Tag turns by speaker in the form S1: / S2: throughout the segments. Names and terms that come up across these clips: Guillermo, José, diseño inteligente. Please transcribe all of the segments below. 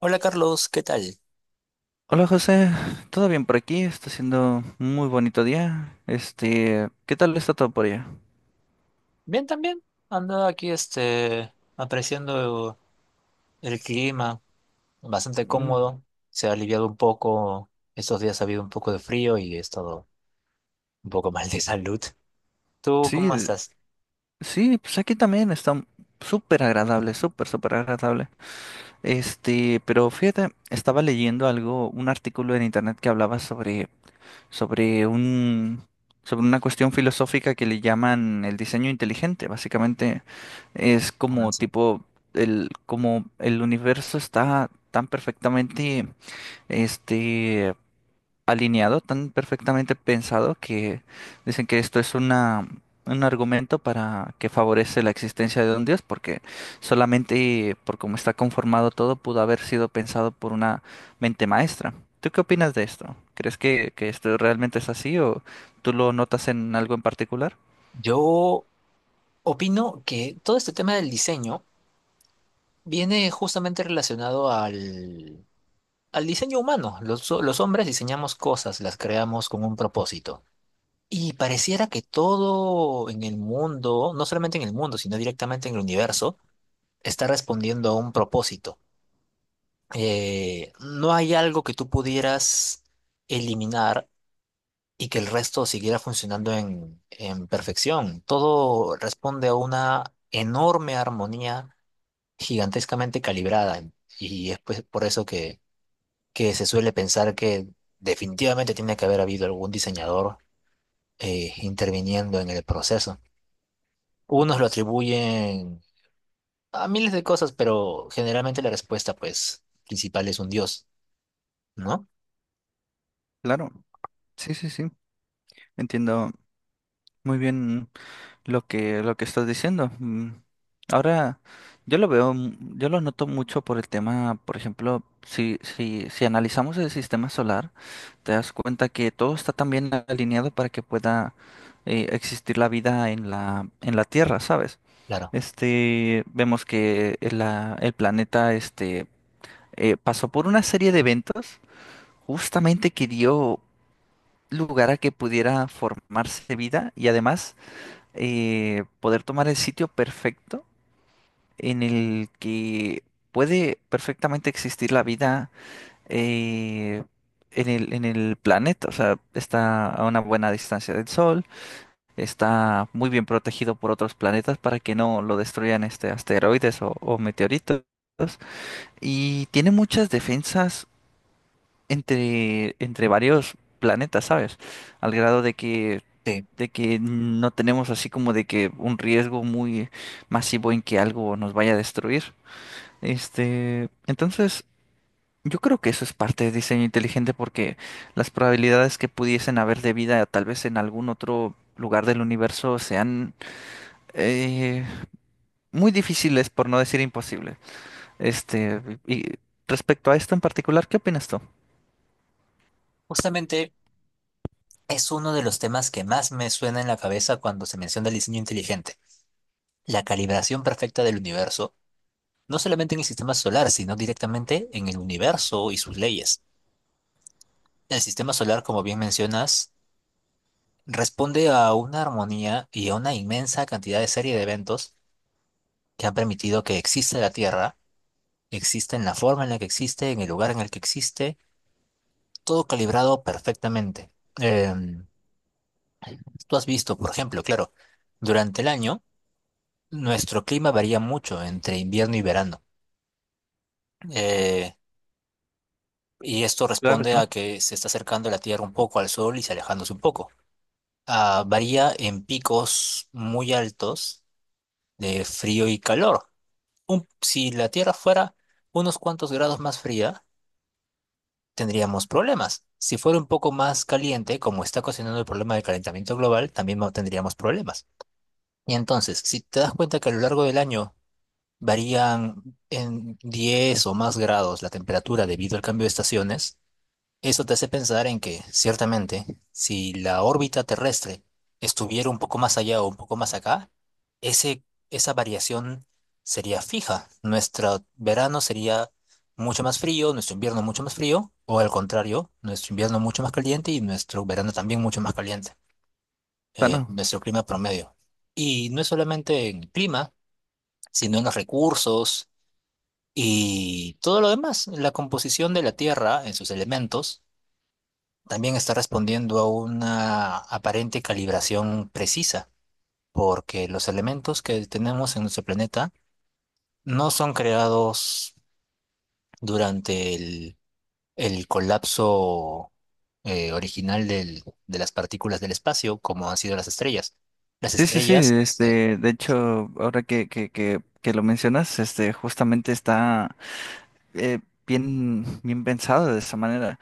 S1: Hola Carlos, ¿qué tal?
S2: Hola José, ¿todo bien por aquí? Está siendo un muy bonito día. Este, ¿qué tal está todo por allá?
S1: Bien también. Ando aquí apreciando el clima, bastante
S2: Mm,
S1: cómodo. Se ha aliviado un poco. Estos días ha habido un poco de frío y he estado un poco mal de salud. ¿Tú
S2: sí,
S1: cómo estás?
S2: sí, pues aquí también está súper agradable, súper, súper agradable. Este, pero fíjate, estaba leyendo algo, un artículo en internet que hablaba sobre un, sobre una cuestión filosófica que le llaman el diseño inteligente. Básicamente es
S1: Ah,
S2: como
S1: sí.
S2: tipo como el universo está tan perfectamente este, alineado, tan perfectamente pensado que dicen que esto es un argumento para que favorece la existencia de un Dios, porque solamente por cómo está conformado todo pudo haber sido pensado por una mente maestra. ¿Tú qué opinas de esto? ¿Crees que esto realmente es así o tú lo notas en algo en particular?
S1: Yo opino que todo este tema del diseño viene justamente relacionado al diseño humano. Los hombres diseñamos cosas, las creamos con un propósito. Y pareciera que todo en el mundo, no solamente en el mundo, sino directamente en el universo, está respondiendo a un propósito. No hay algo que tú pudieras eliminar y que el resto siguiera funcionando en perfección. Todo responde a una enorme armonía gigantescamente calibrada. Y es pues por eso que se suele pensar que definitivamente tiene que haber habido algún diseñador interviniendo en el proceso. Unos lo atribuyen a miles de cosas, pero generalmente la respuesta, pues, principal es un dios, ¿no?
S2: Claro, sí, sí, sí. Entiendo muy bien lo lo que estás diciendo. Mm, ahora, yo lo veo, yo lo noto mucho por el tema, por ejemplo, si analizamos el sistema solar, te das cuenta que todo está tan bien alineado para que pueda existir la vida en la Tierra, ¿sabes?
S1: Claro.
S2: Este, vemos que el planeta, este, pasó por una serie de eventos justamente que dio lugar a que pudiera formarse vida y además poder tomar el sitio perfecto en el que puede perfectamente existir la vida eh, en en el planeta. O sea, está a una buena distancia del Sol, está muy bien protegido por otros planetas para que no lo destruyan este asteroides o meteoritos. Y tiene muchas defensas entre varios planetas, ¿sabes? Al grado de que
S1: Sí.
S2: no tenemos así como de que un riesgo muy masivo en que algo nos vaya a destruir. Este, entonces, yo creo que eso es parte de diseño inteligente porque las probabilidades que pudiesen haber de vida tal vez en algún otro lugar del universo sean eh, muy difíciles, por no decir imposible. Este, y respecto a esto en particular, ¿qué opinas tú?
S1: Justamente es uno de los temas que más me suena en la cabeza cuando se menciona el diseño inteligente, la calibración perfecta del universo, no solamente en el sistema solar, sino directamente en el universo y sus leyes. El sistema solar, como bien mencionas, responde a una armonía y a una inmensa cantidad de serie de eventos que han permitido que exista la Tierra existe en la forma en la que existe, en el lugar en el que existe, todo calibrado perfectamente. Em, Tú has visto, por ejemplo, claro, durante el año nuestro clima varía mucho entre invierno y verano. Eh, y esto
S2: Claro,
S1: responde a
S2: claro.
S1: que se está acercando la Tierra un poco al Sol y se alejándose un poco. Ah, varía en picos muy altos de frío y calor. Si la Tierra fuera unos cuantos grados más fría, tendríamos problemas. Si fuera un poco más caliente, como está ocasionando el problema del calentamiento global, también no tendríamos problemas. Y entonces, si te das cuenta que a lo largo del año varían en 10 o más grados la temperatura debido al cambio de estaciones, eso te hace pensar en que, ciertamente, si la órbita terrestre estuviera un poco más allá o un poco más acá, ese, esa variación sería fija. Nuestro verano sería mucho más frío, nuestro invierno mucho más frío, o al contrario, nuestro invierno mucho más caliente y nuestro verano también mucho más caliente,
S2: Ah, no.
S1: nuestro clima promedio. Y no es solamente en el clima, sino en los recursos y todo lo demás, la composición de la Tierra en sus elementos también está respondiendo a una aparente calibración precisa, porque los elementos que tenemos en nuestro planeta no son creados durante el colapso original de las partículas del espacio, como han sido las estrellas. Las
S2: Sí, sí, sí,
S1: estrellas,
S2: este, de hecho, ahora que lo mencionas, este, justamente está eh, bien, bien pensado de esa manera.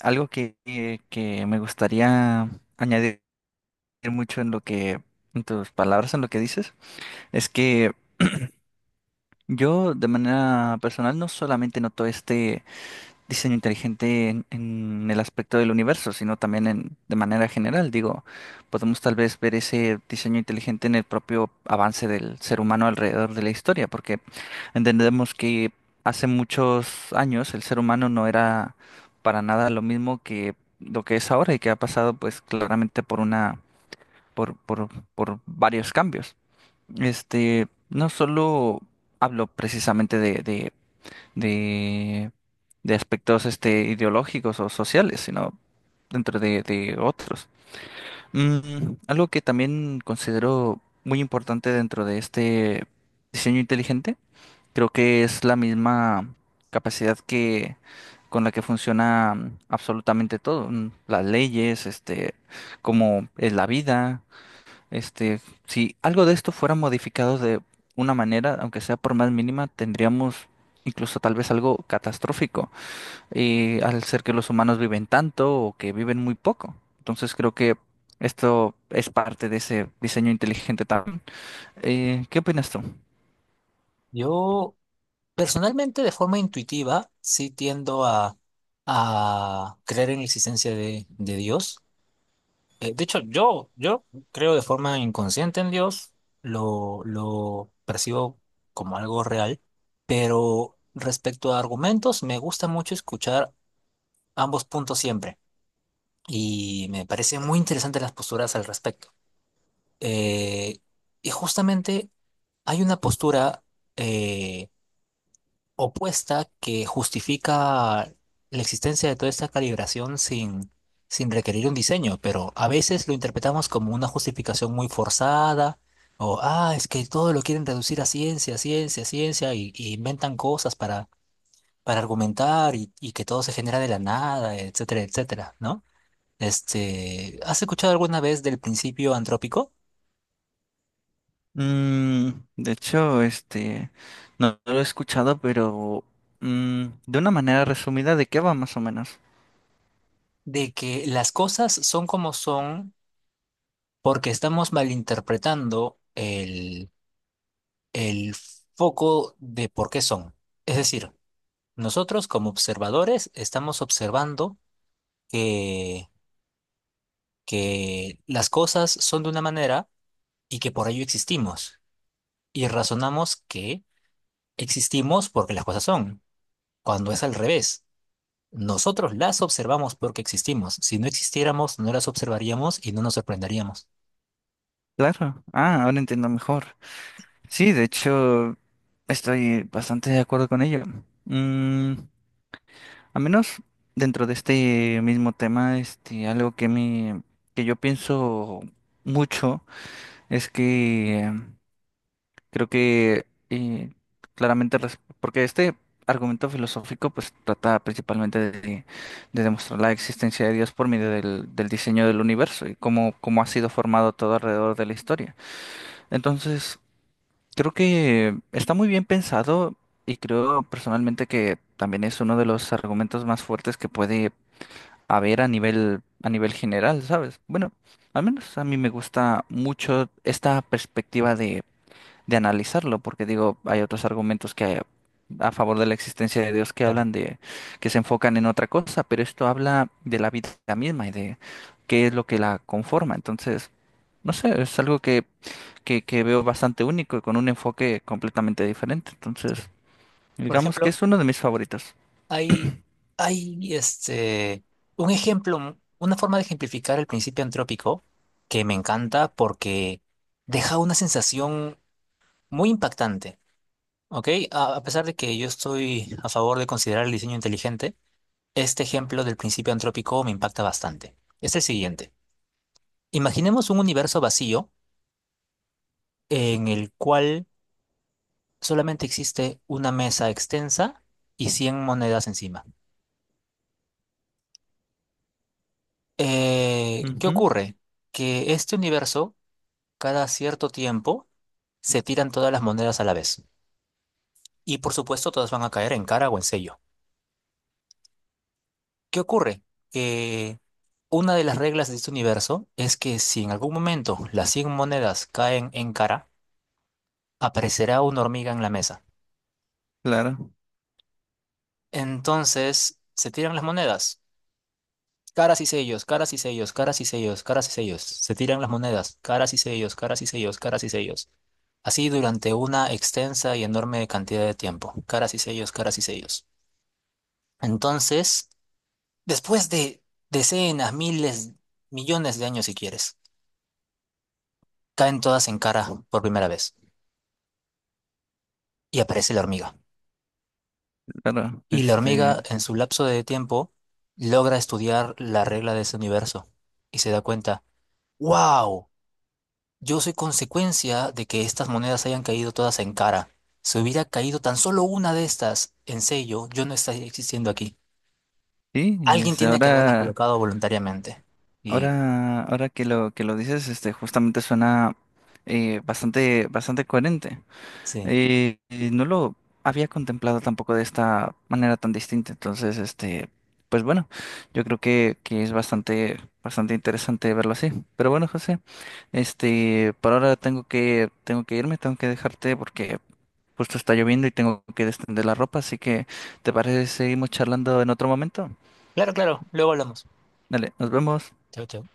S2: Algo que me gustaría añadir mucho en en tus palabras, en lo que dices, es que yo de manera personal no solamente noto este diseño inteligente en el aspecto del universo, sino también en, de manera general. Digo, podemos tal vez ver ese diseño inteligente en el propio avance del ser humano alrededor de la historia, porque entendemos que hace muchos años el ser humano no era para nada lo mismo que lo que es ahora y que ha pasado pues claramente por una, por, por, por varios cambios. Este, no solo hablo precisamente de, de aspectos este, ideológicos o sociales, sino dentro de otros. Mm, algo que también considero muy importante dentro de este diseño inteligente, creo que es la misma capacidad que con la que funciona mm, absolutamente todo, mm, las leyes, este, como es la vida, este, si algo de esto fuera modificado de una manera, aunque sea por más mínima, tendríamos incluso tal vez algo catastrófico, y al ser que los humanos viven tanto o que viven muy poco. Entonces creo que esto es parte de ese diseño inteligente también. ¿Qué opinas tú?
S1: yo personalmente, de forma intuitiva, sí tiendo a creer en la existencia de Dios. De hecho, yo creo de forma inconsciente en Dios, lo percibo como algo real, pero respecto a argumentos, me gusta mucho escuchar ambos puntos siempre y me parecen muy interesantes las posturas al respecto. Eh, y justamente hay una postura eh, opuesta que justifica la existencia de toda esta calibración sin requerir un diseño, pero a veces lo interpretamos como una justificación muy forzada, o, ah, es que todo lo quieren reducir a ciencia, ciencia, ciencia, y inventan cosas para argumentar y que todo se genera de la nada, etcétera, etcétera, ¿no? ¿Has escuchado alguna vez del principio antrópico?
S2: Mm, de hecho, este, no, no lo he escuchado, pero mm, de una manera resumida, ¿de qué va más o menos?
S1: De que las cosas son como son porque estamos malinterpretando el foco de por qué son. Es decir, nosotros como observadores estamos observando que, que las cosas son de una manera y que por ello existimos. Y razonamos que existimos porque las cosas son, cuando es al revés. Nosotros las observamos porque existimos. Si no existiéramos, no las observaríamos y no nos sorprenderíamos.
S2: Claro. Ah, ahora entiendo mejor. Sí, de hecho, estoy bastante de acuerdo con ello. Mm, a menos dentro de este mismo tema, este, algo que yo pienso mucho es que creo que claramente, porque este argumento filosófico pues trata principalmente de demostrar la existencia de Dios por medio del diseño del universo y cómo, cómo ha sido formado todo alrededor de la historia. Entonces, creo que está muy bien pensado y creo personalmente que también es uno de los argumentos más fuertes que puede haber a nivel general, ¿sabes? Bueno, al menos a mí me gusta mucho esta perspectiva de analizarlo, porque digo, hay otros argumentos que a favor de la existencia de Dios que
S1: Claro.
S2: hablan de que se enfocan en otra cosa, pero esto habla de la vida misma y de qué es lo que la conforma. Entonces, no sé, es algo que veo bastante único y con un enfoque completamente diferente.
S1: Sí.
S2: Entonces,
S1: Por
S2: digamos que
S1: ejemplo,
S2: es uno de mis favoritos.
S1: Hay, hay un ejemplo, una forma de ejemplificar el principio antrópico que me encanta porque deja una sensación muy impactante, ¿ok? A pesar de que yo estoy a favor de considerar el diseño inteligente, este ejemplo del principio antrópico me impacta bastante. Es el siguiente. Imaginemos un universo vacío en el cual solamente existe una mesa extensa y 100 monedas encima. ¿Qué
S2: Ujú,
S1: ocurre? Que este universo cada cierto tiempo se tiran todas las monedas a la vez. Y por supuesto todas van a caer en cara o en sello. ¿Qué ocurre? Que una de las reglas de este universo es que si en algún momento las 100 monedas caen en cara, aparecerá una hormiga en la mesa.
S2: claro,
S1: Entonces se tiran las monedas. Caras y sellos, caras y sellos, caras y sellos, caras y sellos. Se tiran las monedas, caras y sellos, caras y sellos, caras y sellos. Así durante una extensa y enorme cantidad de tiempo. Caras y sellos, caras y sellos. Entonces, después de decenas, miles, millones de años, si quieres, caen todas en cara por primera vez y aparece la hormiga.
S2: claro.
S1: Y la hormiga,
S2: Este,
S1: en su lapso de tiempo, logra estudiar la regla de ese universo y se da cuenta, wow, yo soy consecuencia de que estas monedas hayan caído todas en cara. Si hubiera caído tan solo una de estas en sello, yo no estaría existiendo aquí.
S2: sí, y
S1: Alguien
S2: este,
S1: tiene que haberlas
S2: ahora,
S1: colocado voluntariamente. Y
S2: ahora que lo dices, este, justamente suena bastante, bastante coherente.
S1: sí,
S2: No lo había contemplado tampoco de esta manera tan distinta. Entonces, este, pues bueno, yo creo que es bastante, bastante interesante verlo así. Pero bueno, José, este, por ahora tengo que irme, tengo que dejarte porque justo está lloviendo y tengo que extender la ropa. Así que, ¿te parece si seguimos charlando en otro momento?
S1: claro, claro, luego hablamos.
S2: Dale, nos vemos.
S1: Chao, chao.